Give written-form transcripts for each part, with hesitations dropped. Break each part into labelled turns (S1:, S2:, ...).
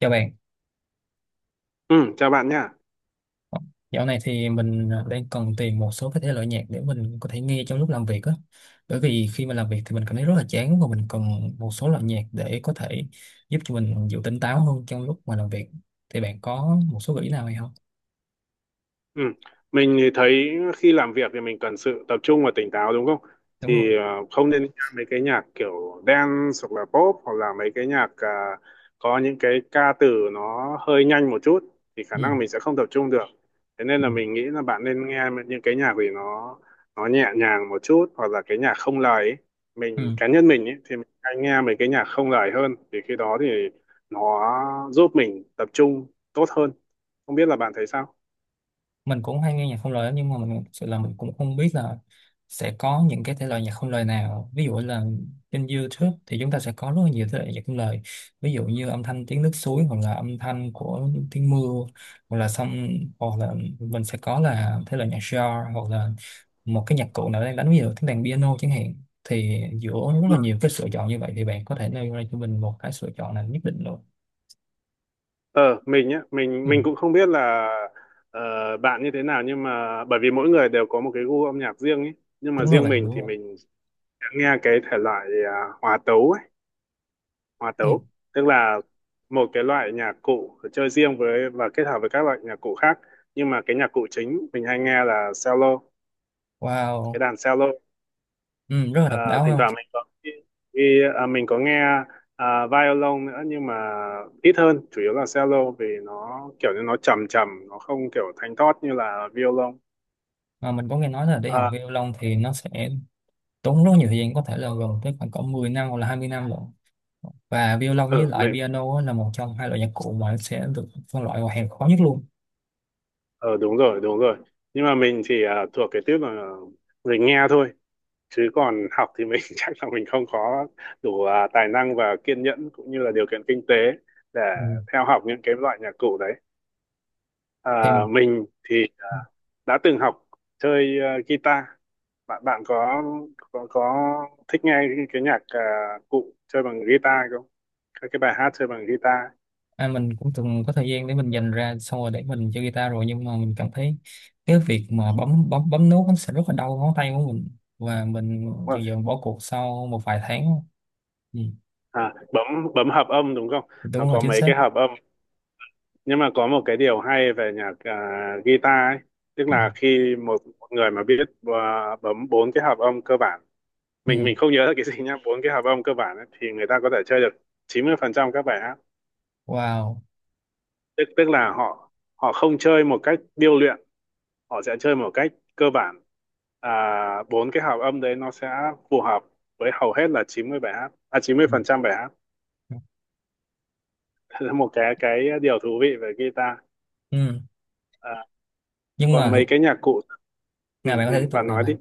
S1: Chào bạn,
S2: Ừ, chào bạn nhé.
S1: dạo này thì mình đang cần tìm một số cái thể loại nhạc để mình có thể nghe trong lúc làm việc á. Bởi vì khi mà làm việc thì mình cảm thấy rất là chán và mình cần một số loại nhạc để có thể giúp cho mình giữ tỉnh táo hơn trong lúc mà làm việc. Thì bạn có một số gợi ý nào hay không?
S2: Ừ. Mình thì thấy khi làm việc thì mình cần sự tập trung và tỉnh táo đúng không?
S1: Đúng rồi.
S2: Thì ờ, Không nên nghe mấy cái nhạc kiểu dance hoặc là pop hoặc là mấy cái nhạc có những cái ca từ nó hơi nhanh một chút thì khả
S1: Ừ.
S2: năng mình sẽ không tập trung được. Thế nên
S1: Ừ.
S2: là mình nghĩ là bạn nên nghe những cái nhạc gì nó nhẹ nhàng một chút hoặc là cái nhạc không lời ấy. Mình
S1: Ừ.
S2: cá nhân mình ấy, thì mình hay nghe mấy cái nhạc không lời hơn thì khi đó thì nó giúp mình tập trung tốt hơn. Không biết là bạn thấy sao?
S1: Mình cũng hay nghe nhạc không lời lắm, nhưng mà mình sự là mình cũng không biết là sẽ có những cái thể loại nhạc không lời nào, ví dụ là trên YouTube thì chúng ta sẽ có rất là nhiều thể loại nhạc không lời, ví dụ như âm thanh tiếng nước suối hoặc là âm thanh của tiếng mưa, hoặc là xong, hoặc là mình sẽ có là thể loại nhạc jazz, hoặc là một cái nhạc cụ nào đang đánh, ví dụ tiếng đàn piano chẳng hạn. Thì giữa rất là nhiều cái lựa chọn như vậy thì bạn có thể nêu ra cho mình một cái lựa chọn nào nhất định luôn?
S2: Ờ, mình nhá, mình
S1: Ừ.
S2: mình cũng không biết là ờ, bạn như thế nào nhưng mà bởi vì mỗi người đều có một cái gu âm nhạc riêng ấy. Nhưng mà
S1: Đúng rồi
S2: riêng
S1: bạn,
S2: mình
S1: đúng
S2: thì
S1: rồi.
S2: mình sẽ nghe cái thể loại hòa tấu ấy, hòa
S1: Ừ.
S2: tấu, tức là một cái loại nhạc cụ chơi riêng với và kết hợp với các loại nhạc cụ khác. Nhưng mà cái nhạc cụ chính mình hay nghe là cello, cái
S1: Wow.
S2: đàn cello.
S1: Ừ, rất là
S2: Ờ,
S1: độc đáo
S2: Thỉnh
S1: không?
S2: thoảng mình có vì mình có nghe violon nữa nhưng mà ít hơn, chủ yếu là cello vì nó kiểu như nó trầm trầm, nó không kiểu thanh thoát như là violon.
S1: Mà mình có nghe nói là để học
S2: à,
S1: violon thì nó sẽ tốn rất nhiều thời gian, có thể là gần tới khoảng cỡ 10 năm hoặc là 20 năm rồi. Và violon với
S2: ừ,
S1: lại
S2: mình,
S1: piano á là một trong hai loại nhạc cụ mà sẽ được phân loại vào hàng khó nhất luôn.
S2: ờ, Đúng rồi đúng rồi, nhưng mà mình thì thuộc cái tiếp là mình nghe thôi, chứ còn học thì mình chắc là mình không có đủ tài năng và kiên nhẫn cũng như là điều kiện kinh tế để
S1: Ừ.
S2: theo học những cái loại nhạc cụ đấy.
S1: Thì
S2: à, mình thì đã từng học chơi guitar. Bạn bạn có thích nghe cái nhạc cụ chơi bằng guitar không, các cái bài hát chơi bằng guitar?
S1: mình cũng từng có thời gian để mình dành ra xong rồi để mình chơi guitar rồi, nhưng mà mình cảm thấy cái việc mà bấm bấm bấm nốt nó sẽ rất là đau ngón tay của mình, và mình
S2: Đúng
S1: dần
S2: rồi.
S1: dần bỏ cuộc sau một vài tháng. Ừ.
S2: Bấm bấm hợp âm đúng không, nó
S1: Đúng rồi,
S2: có
S1: chính
S2: mấy
S1: xác.
S2: cái hợp âm. Nhưng mà có một cái điều hay về nhạc guitar ấy, tức
S1: Ừ.
S2: là khi một người mà biết bấm bốn cái hợp âm cơ bản,
S1: Ừ.
S2: mình không nhớ là cái gì nhá, bốn cái hợp âm cơ bản ấy, thì người ta có thể chơi được 90% các bài hát,
S1: Wow.
S2: tức tức là họ họ không chơi một cách điêu luyện, họ sẽ chơi một cách cơ bản. à, Bốn cái hợp âm đấy nó sẽ phù hợp với hầu hết là 90 bài hát,
S1: Ừ.
S2: 90% phần trăm bài hát Thế là một cái điều thú vị về guitar.
S1: Ừ.
S2: à,
S1: Nhưng mà
S2: Còn mấy cái nhạc cụ
S1: nào bạn có thể tiếp tục
S2: bạn
S1: nào?
S2: nói đi.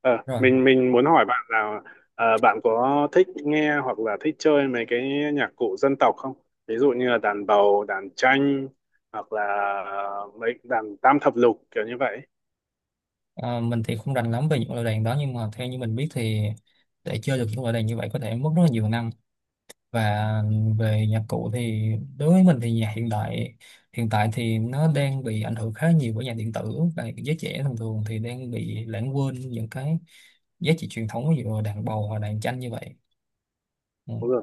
S2: Ờ,
S1: Rồi.
S2: mình muốn hỏi bạn là bạn có thích nghe hoặc là thích chơi mấy cái nhạc cụ dân tộc không, ví dụ như là đàn bầu, đàn tranh hoặc là mấy đàn tam thập lục kiểu như vậy?
S1: Mình thì không rành lắm về những loại đàn đó, nhưng mà theo như mình biết thì để chơi được những loại đàn như vậy có thể mất rất là nhiều năm. Và về nhạc cụ thì đối với mình thì nhạc hiện đại hiện tại thì nó đang bị ảnh hưởng khá nhiều bởi nhạc điện tử, và giới trẻ thường thường thì đang bị lãng quên những cái giá trị truyền thống, ví dụ là đàn bầu hoặc đàn tranh như vậy. Ừ,
S2: Đúng rồi.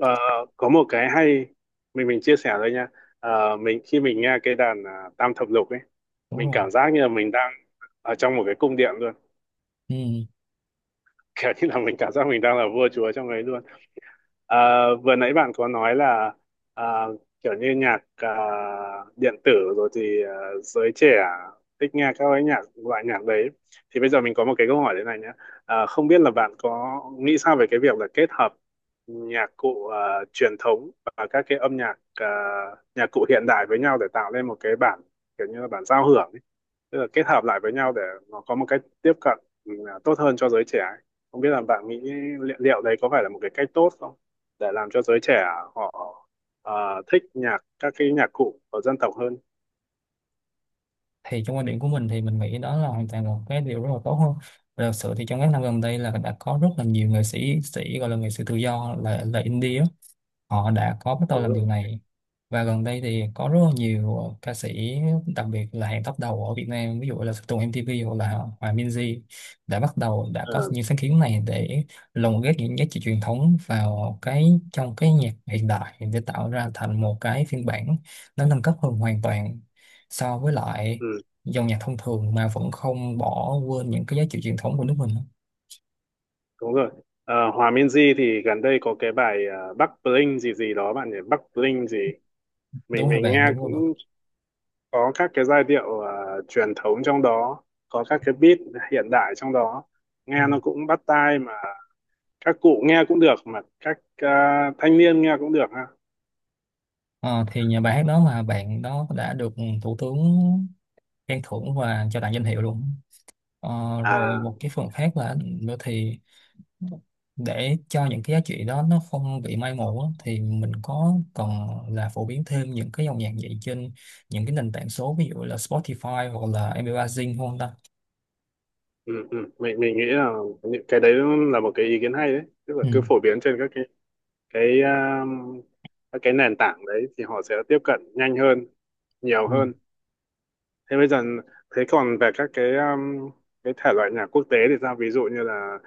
S2: Ờ, có một cái hay mình chia sẻ thôi nha. Mình khi mình nghe cái đàn tam thập lục ấy,
S1: đúng
S2: mình
S1: rồi.
S2: cảm giác như là mình đang ở trong một cái cung điện luôn.
S1: Ừ.
S2: Kiểu như là mình cảm giác mình đang là vua chúa trong ấy luôn. Ờ, Vừa nãy bạn có nói là à, kiểu như nhạc điện tử rồi thì giới trẻ thích nghe các cái nhạc, loại nhạc đấy. Thì bây giờ mình có một cái câu hỏi thế này nhé, không biết là bạn có nghĩ sao về cái việc là kết hợp nhạc cụ truyền thống và các cái âm nhạc, nhạc cụ hiện đại với nhau để tạo lên một cái bản, kiểu như là bản giao hưởng ấy? Tức là kết hợp lại với nhau để nó có một cách tiếp cận ừ, tốt hơn cho giới trẻ ấy. Không biết là bạn nghĩ liệu đấy có phải là một cái cách tốt không để làm cho giới trẻ họ thích nhạc, các cái nhạc cụ của dân tộc hơn?
S1: Thì trong quan điểm của mình thì mình nghĩ đó là hoàn toàn một cái điều rất là tốt hơn. Và thật sự thì trong các năm gần đây là đã có rất là nhiều nghệ sĩ sĩ, gọi là nghệ sĩ tự do, là indie á, họ đã có bắt đầu
S2: Đúng
S1: làm
S2: rồi.
S1: điều này. Và gần đây thì có rất là nhiều ca sĩ, đặc biệt là hàng top đầu ở Việt Nam, ví dụ là Tùng MTV hoặc là Hòa Minzy, đã bắt đầu, đã có
S2: Ờ,
S1: những sáng kiến này để lồng ghép những giá trị truyền thống vào cái trong cái nhạc hiện đại để tạo ra thành một cái phiên bản nó nâng cấp hơn hoàn toàn so với lại
S2: ừ,
S1: dòng nhạc thông thường mà vẫn không bỏ quên những cái giá trị truyền thống của nước mình.
S2: đúng rồi. Ờ, Hòa Minzy thì gần đây có cái bài Bắc Bling gì gì đó bạn nhỉ, Bắc Bling gì, mình
S1: Đúng rồi
S2: mình
S1: bạn,
S2: nghe
S1: đúng rồi bạn.
S2: cũng có các cái giai điệu truyền thống trong đó, có các cái beat hiện đại trong đó, nghe nó cũng bắt tai mà, các cụ nghe cũng được mà các thanh niên nghe cũng được ha.
S1: Ờ, thì nhà bài hát đó mà bạn đó đã được thủ tướng khen thưởng và cho tặng danh hiệu luôn. Ờ, rồi
S2: à
S1: một cái phần khác là nữa thì để cho những cái giá trị đó nó không bị mai một á, thì mình có cần là phổ biến thêm những cái dòng nhạc vậy trên những cái nền tảng số, ví dụ là Spotify hoặc là MP3 Zing không ta?
S2: ừ. Mình nghĩ là những cái đấy là một cái ý kiến hay đấy, tức là
S1: Ừ.
S2: cứ phổ biến trên các cái cái à, các cái nền tảng đấy thì họ sẽ tiếp cận nhanh hơn, nhiều
S1: Ừ.
S2: hơn. Thế bây giờ thế còn về các cái thể loại nhạc quốc tế thì sao, ví dụ như là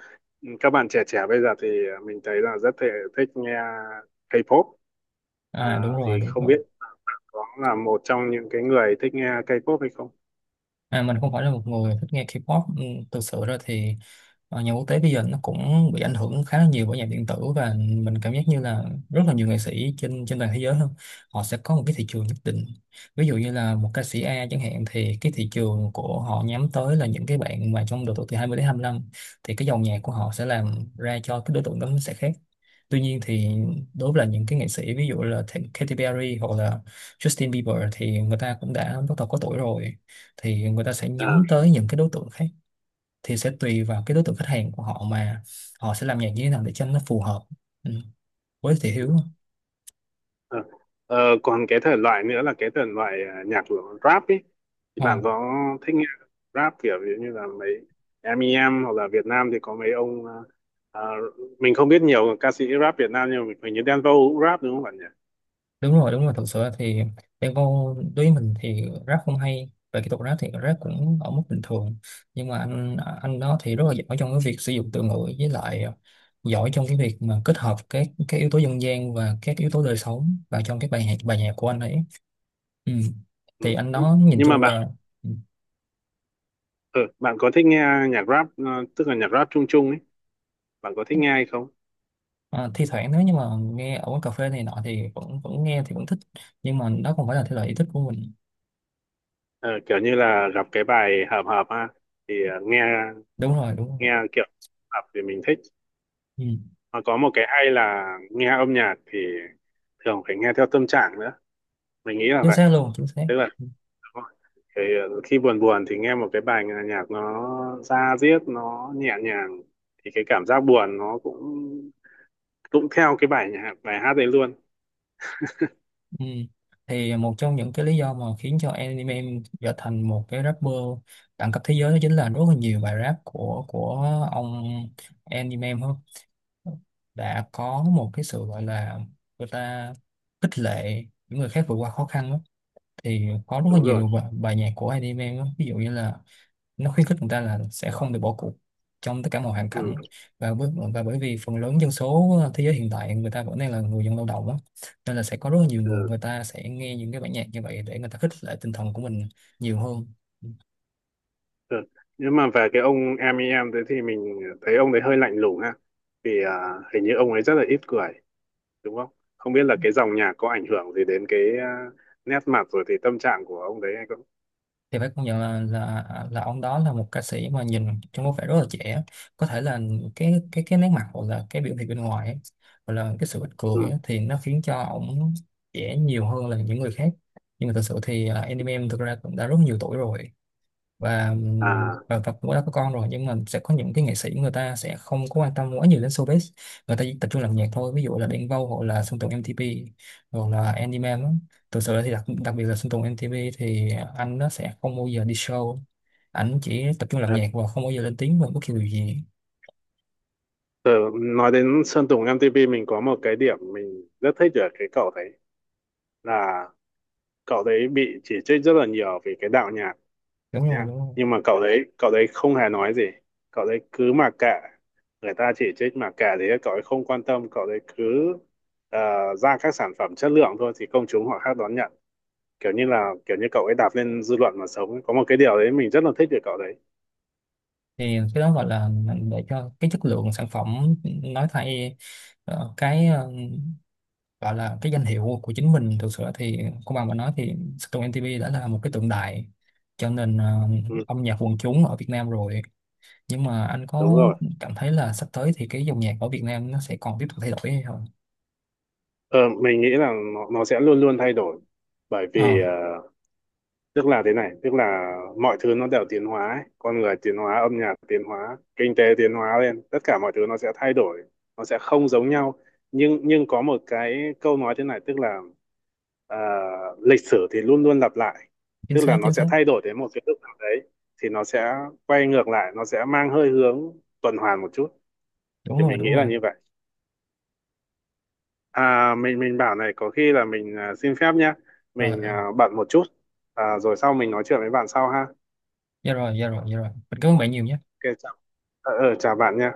S2: các bạn trẻ trẻ bây giờ thì mình thấy là rất thể thích nghe K-pop. à,
S1: À đúng rồi,
S2: thì
S1: đúng
S2: không
S1: rồi.
S2: biết có là một trong những cái người thích nghe K-pop hay không?
S1: À, mình không phải là một người thích nghe K-pop. Ừ, thực sự ra thì nhà quốc tế bây giờ nó cũng bị ảnh hưởng khá là nhiều bởi nhạc điện tử, và mình cảm giác như là rất là nhiều nghệ sĩ trên trên toàn thế giới hơn, họ sẽ có một cái thị trường nhất định. Ví dụ như là một ca sĩ A chẳng hạn thì cái thị trường của họ nhắm tới là những cái bạn mà trong độ tuổi từ 20 đến 25, thì cái dòng nhạc của họ sẽ làm ra cho cái đối tượng đó nó sẽ khác. Tuy nhiên thì đối với là những cái nghệ sĩ, ví dụ là Katy Perry hoặc là Justin Bieber, thì người ta cũng đã bắt đầu có tuổi rồi, thì người ta sẽ nhắm tới những cái đối tượng khác. Thì sẽ tùy vào cái đối tượng khách hàng của họ mà họ sẽ làm nhạc như thế nào để cho nó phù hợp. Ừ, với thị hiếu.
S2: Ờ, Ờ, còn cái thể loại nữa là cái thể loại nhạc của rap ấy, thì
S1: ờ,
S2: bạn có thích nghe rap kiểu ví dụ như là mấy em i em, hoặc là Việt Nam thì có mấy ông à, mình không biết nhiều ca sĩ rap Việt Nam nhưng mà hình như Đen Vâu cũng rap đúng không bạn nhỉ?
S1: đúng rồi đúng rồi, thật sự thì Đen Vâu đối với mình thì rap không hay, về kỹ thuật rap thì rap cũng ở mức bình thường, nhưng mà anh đó thì rất là giỏi trong cái việc sử dụng từ ngữ, với lại giỏi trong cái việc mà kết hợp các yếu tố dân gian và các yếu tố đời sống vào trong cái bài nhạc của anh ấy. Ừ.
S2: Ừ.
S1: Thì anh
S2: Ừ.
S1: đó nhìn
S2: Nhưng mà
S1: chung
S2: bạn
S1: là.
S2: ờ, bạn có thích nghe nhạc rap tức là nhạc rap chung chung ấy, bạn có thích nghe hay không?
S1: Ờ, thi thoảng nếu như mà nghe ở quán cà phê này nọ thì vẫn vẫn nghe thì vẫn thích, nhưng mà đó không phải là thể loại yêu thích của mình.
S2: Ờ, kiểu như là gặp cái bài hợp hợp ha, thì nghe,
S1: Đúng rồi, đúng rồi.
S2: nghe kiểu hợp thì mình thích.
S1: Ừ.
S2: Mà có một cái hay là nghe âm nhạc thì thường phải nghe theo tâm trạng nữa, mình nghĩ là
S1: Chính
S2: vậy.
S1: xác luôn, chính xác.
S2: Tức là
S1: Ừ.
S2: cái, khi buồn buồn thì nghe một cái bài, nghe nhạc nó da diết, nó nhẹ nhàng thì cái cảm giác buồn nó cũng cũng theo cái bài nhạc, bài hát đấy luôn.
S1: Ừ. Thì một trong những cái lý do mà khiến cho anime trở thành một cái rapper đẳng cấp thế giới đó chính là rất là nhiều bài rap của ông anime em hơn đã có một cái sự gọi là người ta khích lệ những người khác vượt qua khó khăn đó. Thì có rất là
S2: Đúng rồi.
S1: nhiều bài nhạc của anime đó, ví dụ như là nó khuyến khích người ta là sẽ không được bỏ cuộc trong tất cả mọi hoàn
S2: ừ,
S1: cảnh. và bởi, và bởi vì phần lớn dân số thế giới hiện tại người ta vẫn đang là người dân lao động á, nên là sẽ có rất là nhiều
S2: ừ,
S1: người, người ta sẽ nghe những cái bản nhạc như vậy để người ta khích lệ tinh thần của mình nhiều hơn.
S2: ừ. Nhưng mà về cái ông em ý em đấy thì mình thấy ông đấy hơi lạnh lùng ha, vì hình như ông ấy rất là ít cười, đúng không? Không biết là cái dòng nhạc có ảnh hưởng gì đến cái nét mặt rồi thì tâm trạng của ông đấy hay không.
S1: Thì phải công nhận là là ông đó là một ca sĩ mà nhìn trông có vẻ rất là trẻ, có thể là cái nét mặt hoặc là cái biểu hiện bên ngoài ấy, hoặc là cái sự ít cười
S2: ừ.
S1: ấy, thì nó khiến cho ông trẻ nhiều hơn là những người khác. Nhưng mà thật sự thì anh em thực ra cũng đã rất nhiều tuổi rồi, và
S2: à
S1: và cũng đã có con rồi, nhưng mà sẽ có những cái nghệ sĩ người ta sẽ không có quan tâm quá nhiều đến showbiz, người ta chỉ tập trung làm nhạc thôi, ví dụ là Đen Vâu hoặc là Sơn Tùng M-TP hoặc là Andy Man á. Thực sự thì đặc biệt là Sơn Tùng M-TP thì anh nó sẽ không bao giờ đi show, ảnh chỉ tập trung làm
S2: à,
S1: nhạc và không bao giờ lên tiếng về bất kỳ điều gì.
S2: Tớ nói đến Sơn Tùng MTP, mình có một cái điểm mình rất thích ở cái cậu đấy, là cậu đấy bị chỉ trích rất là nhiều vì cái đạo nhạc
S1: Đúng rồi,
S2: nhá,
S1: đúng rồi.
S2: nhưng mà cậu đấy không hề nói gì, cậu đấy cứ mặc kệ, người ta chỉ trích mặc kệ, thì cậu ấy không quan tâm, cậu đấy cứ ờ, ra các sản phẩm chất lượng thôi thì công chúng họ khác đón nhận, kiểu như là kiểu như cậu ấy đạp lên dư luận mà sống ấy. Có một cái điều đấy mình rất là thích về cậu đấy.
S1: Thì cái đó gọi là để cho cái chất lượng sản phẩm nói thay, cái gọi là cái danh hiệu của chính mình. Thực sự thì công bằng mà nói thì Sơn Tùng MTP đã là một cái tượng đài cho nền
S2: ừ,
S1: âm nhạc quần chúng ở Việt Nam rồi. Nhưng mà anh
S2: đúng
S1: có
S2: rồi.
S1: cảm thấy là sắp tới thì cái dòng nhạc ở Việt Nam nó sẽ còn tiếp tục thay đổi hay không?
S2: Ờ, mình nghĩ là nó sẽ luôn luôn thay đổi, bởi
S1: Ờ,
S2: vì tức là thế này, tức là mọi thứ nó đều tiến hóa ấy. Con người tiến hóa, âm nhạc tiến hóa, kinh tế tiến hóa lên, tất cả mọi thứ nó sẽ thay đổi, nó sẽ không giống nhau. Nhưng có một cái câu nói thế này tức là à, lịch sử thì luôn luôn lặp lại.
S1: chính
S2: Tức
S1: xác
S2: là nó
S1: chính xác.
S2: sẽ thay đổi đến một cái lúc nào đấy thì nó sẽ quay ngược lại, nó sẽ mang hơi hướng tuần hoàn một chút,
S1: Đúng
S2: thì
S1: rồi,
S2: mình nghĩ
S1: đúng
S2: là
S1: rồi.
S2: như vậy. Mình bảo này, có khi là mình xin phép nhá,
S1: Rồi.
S2: mình
S1: ờ,
S2: bận một chút, rồi sau mình nói chuyện với bạn sau ha.
S1: dạ rồi, dạ rồi, dạ rồi, mình cảm ơn bạn nhiều nhé.
S2: Ok chào. Ờ, ờ, chào bạn nha.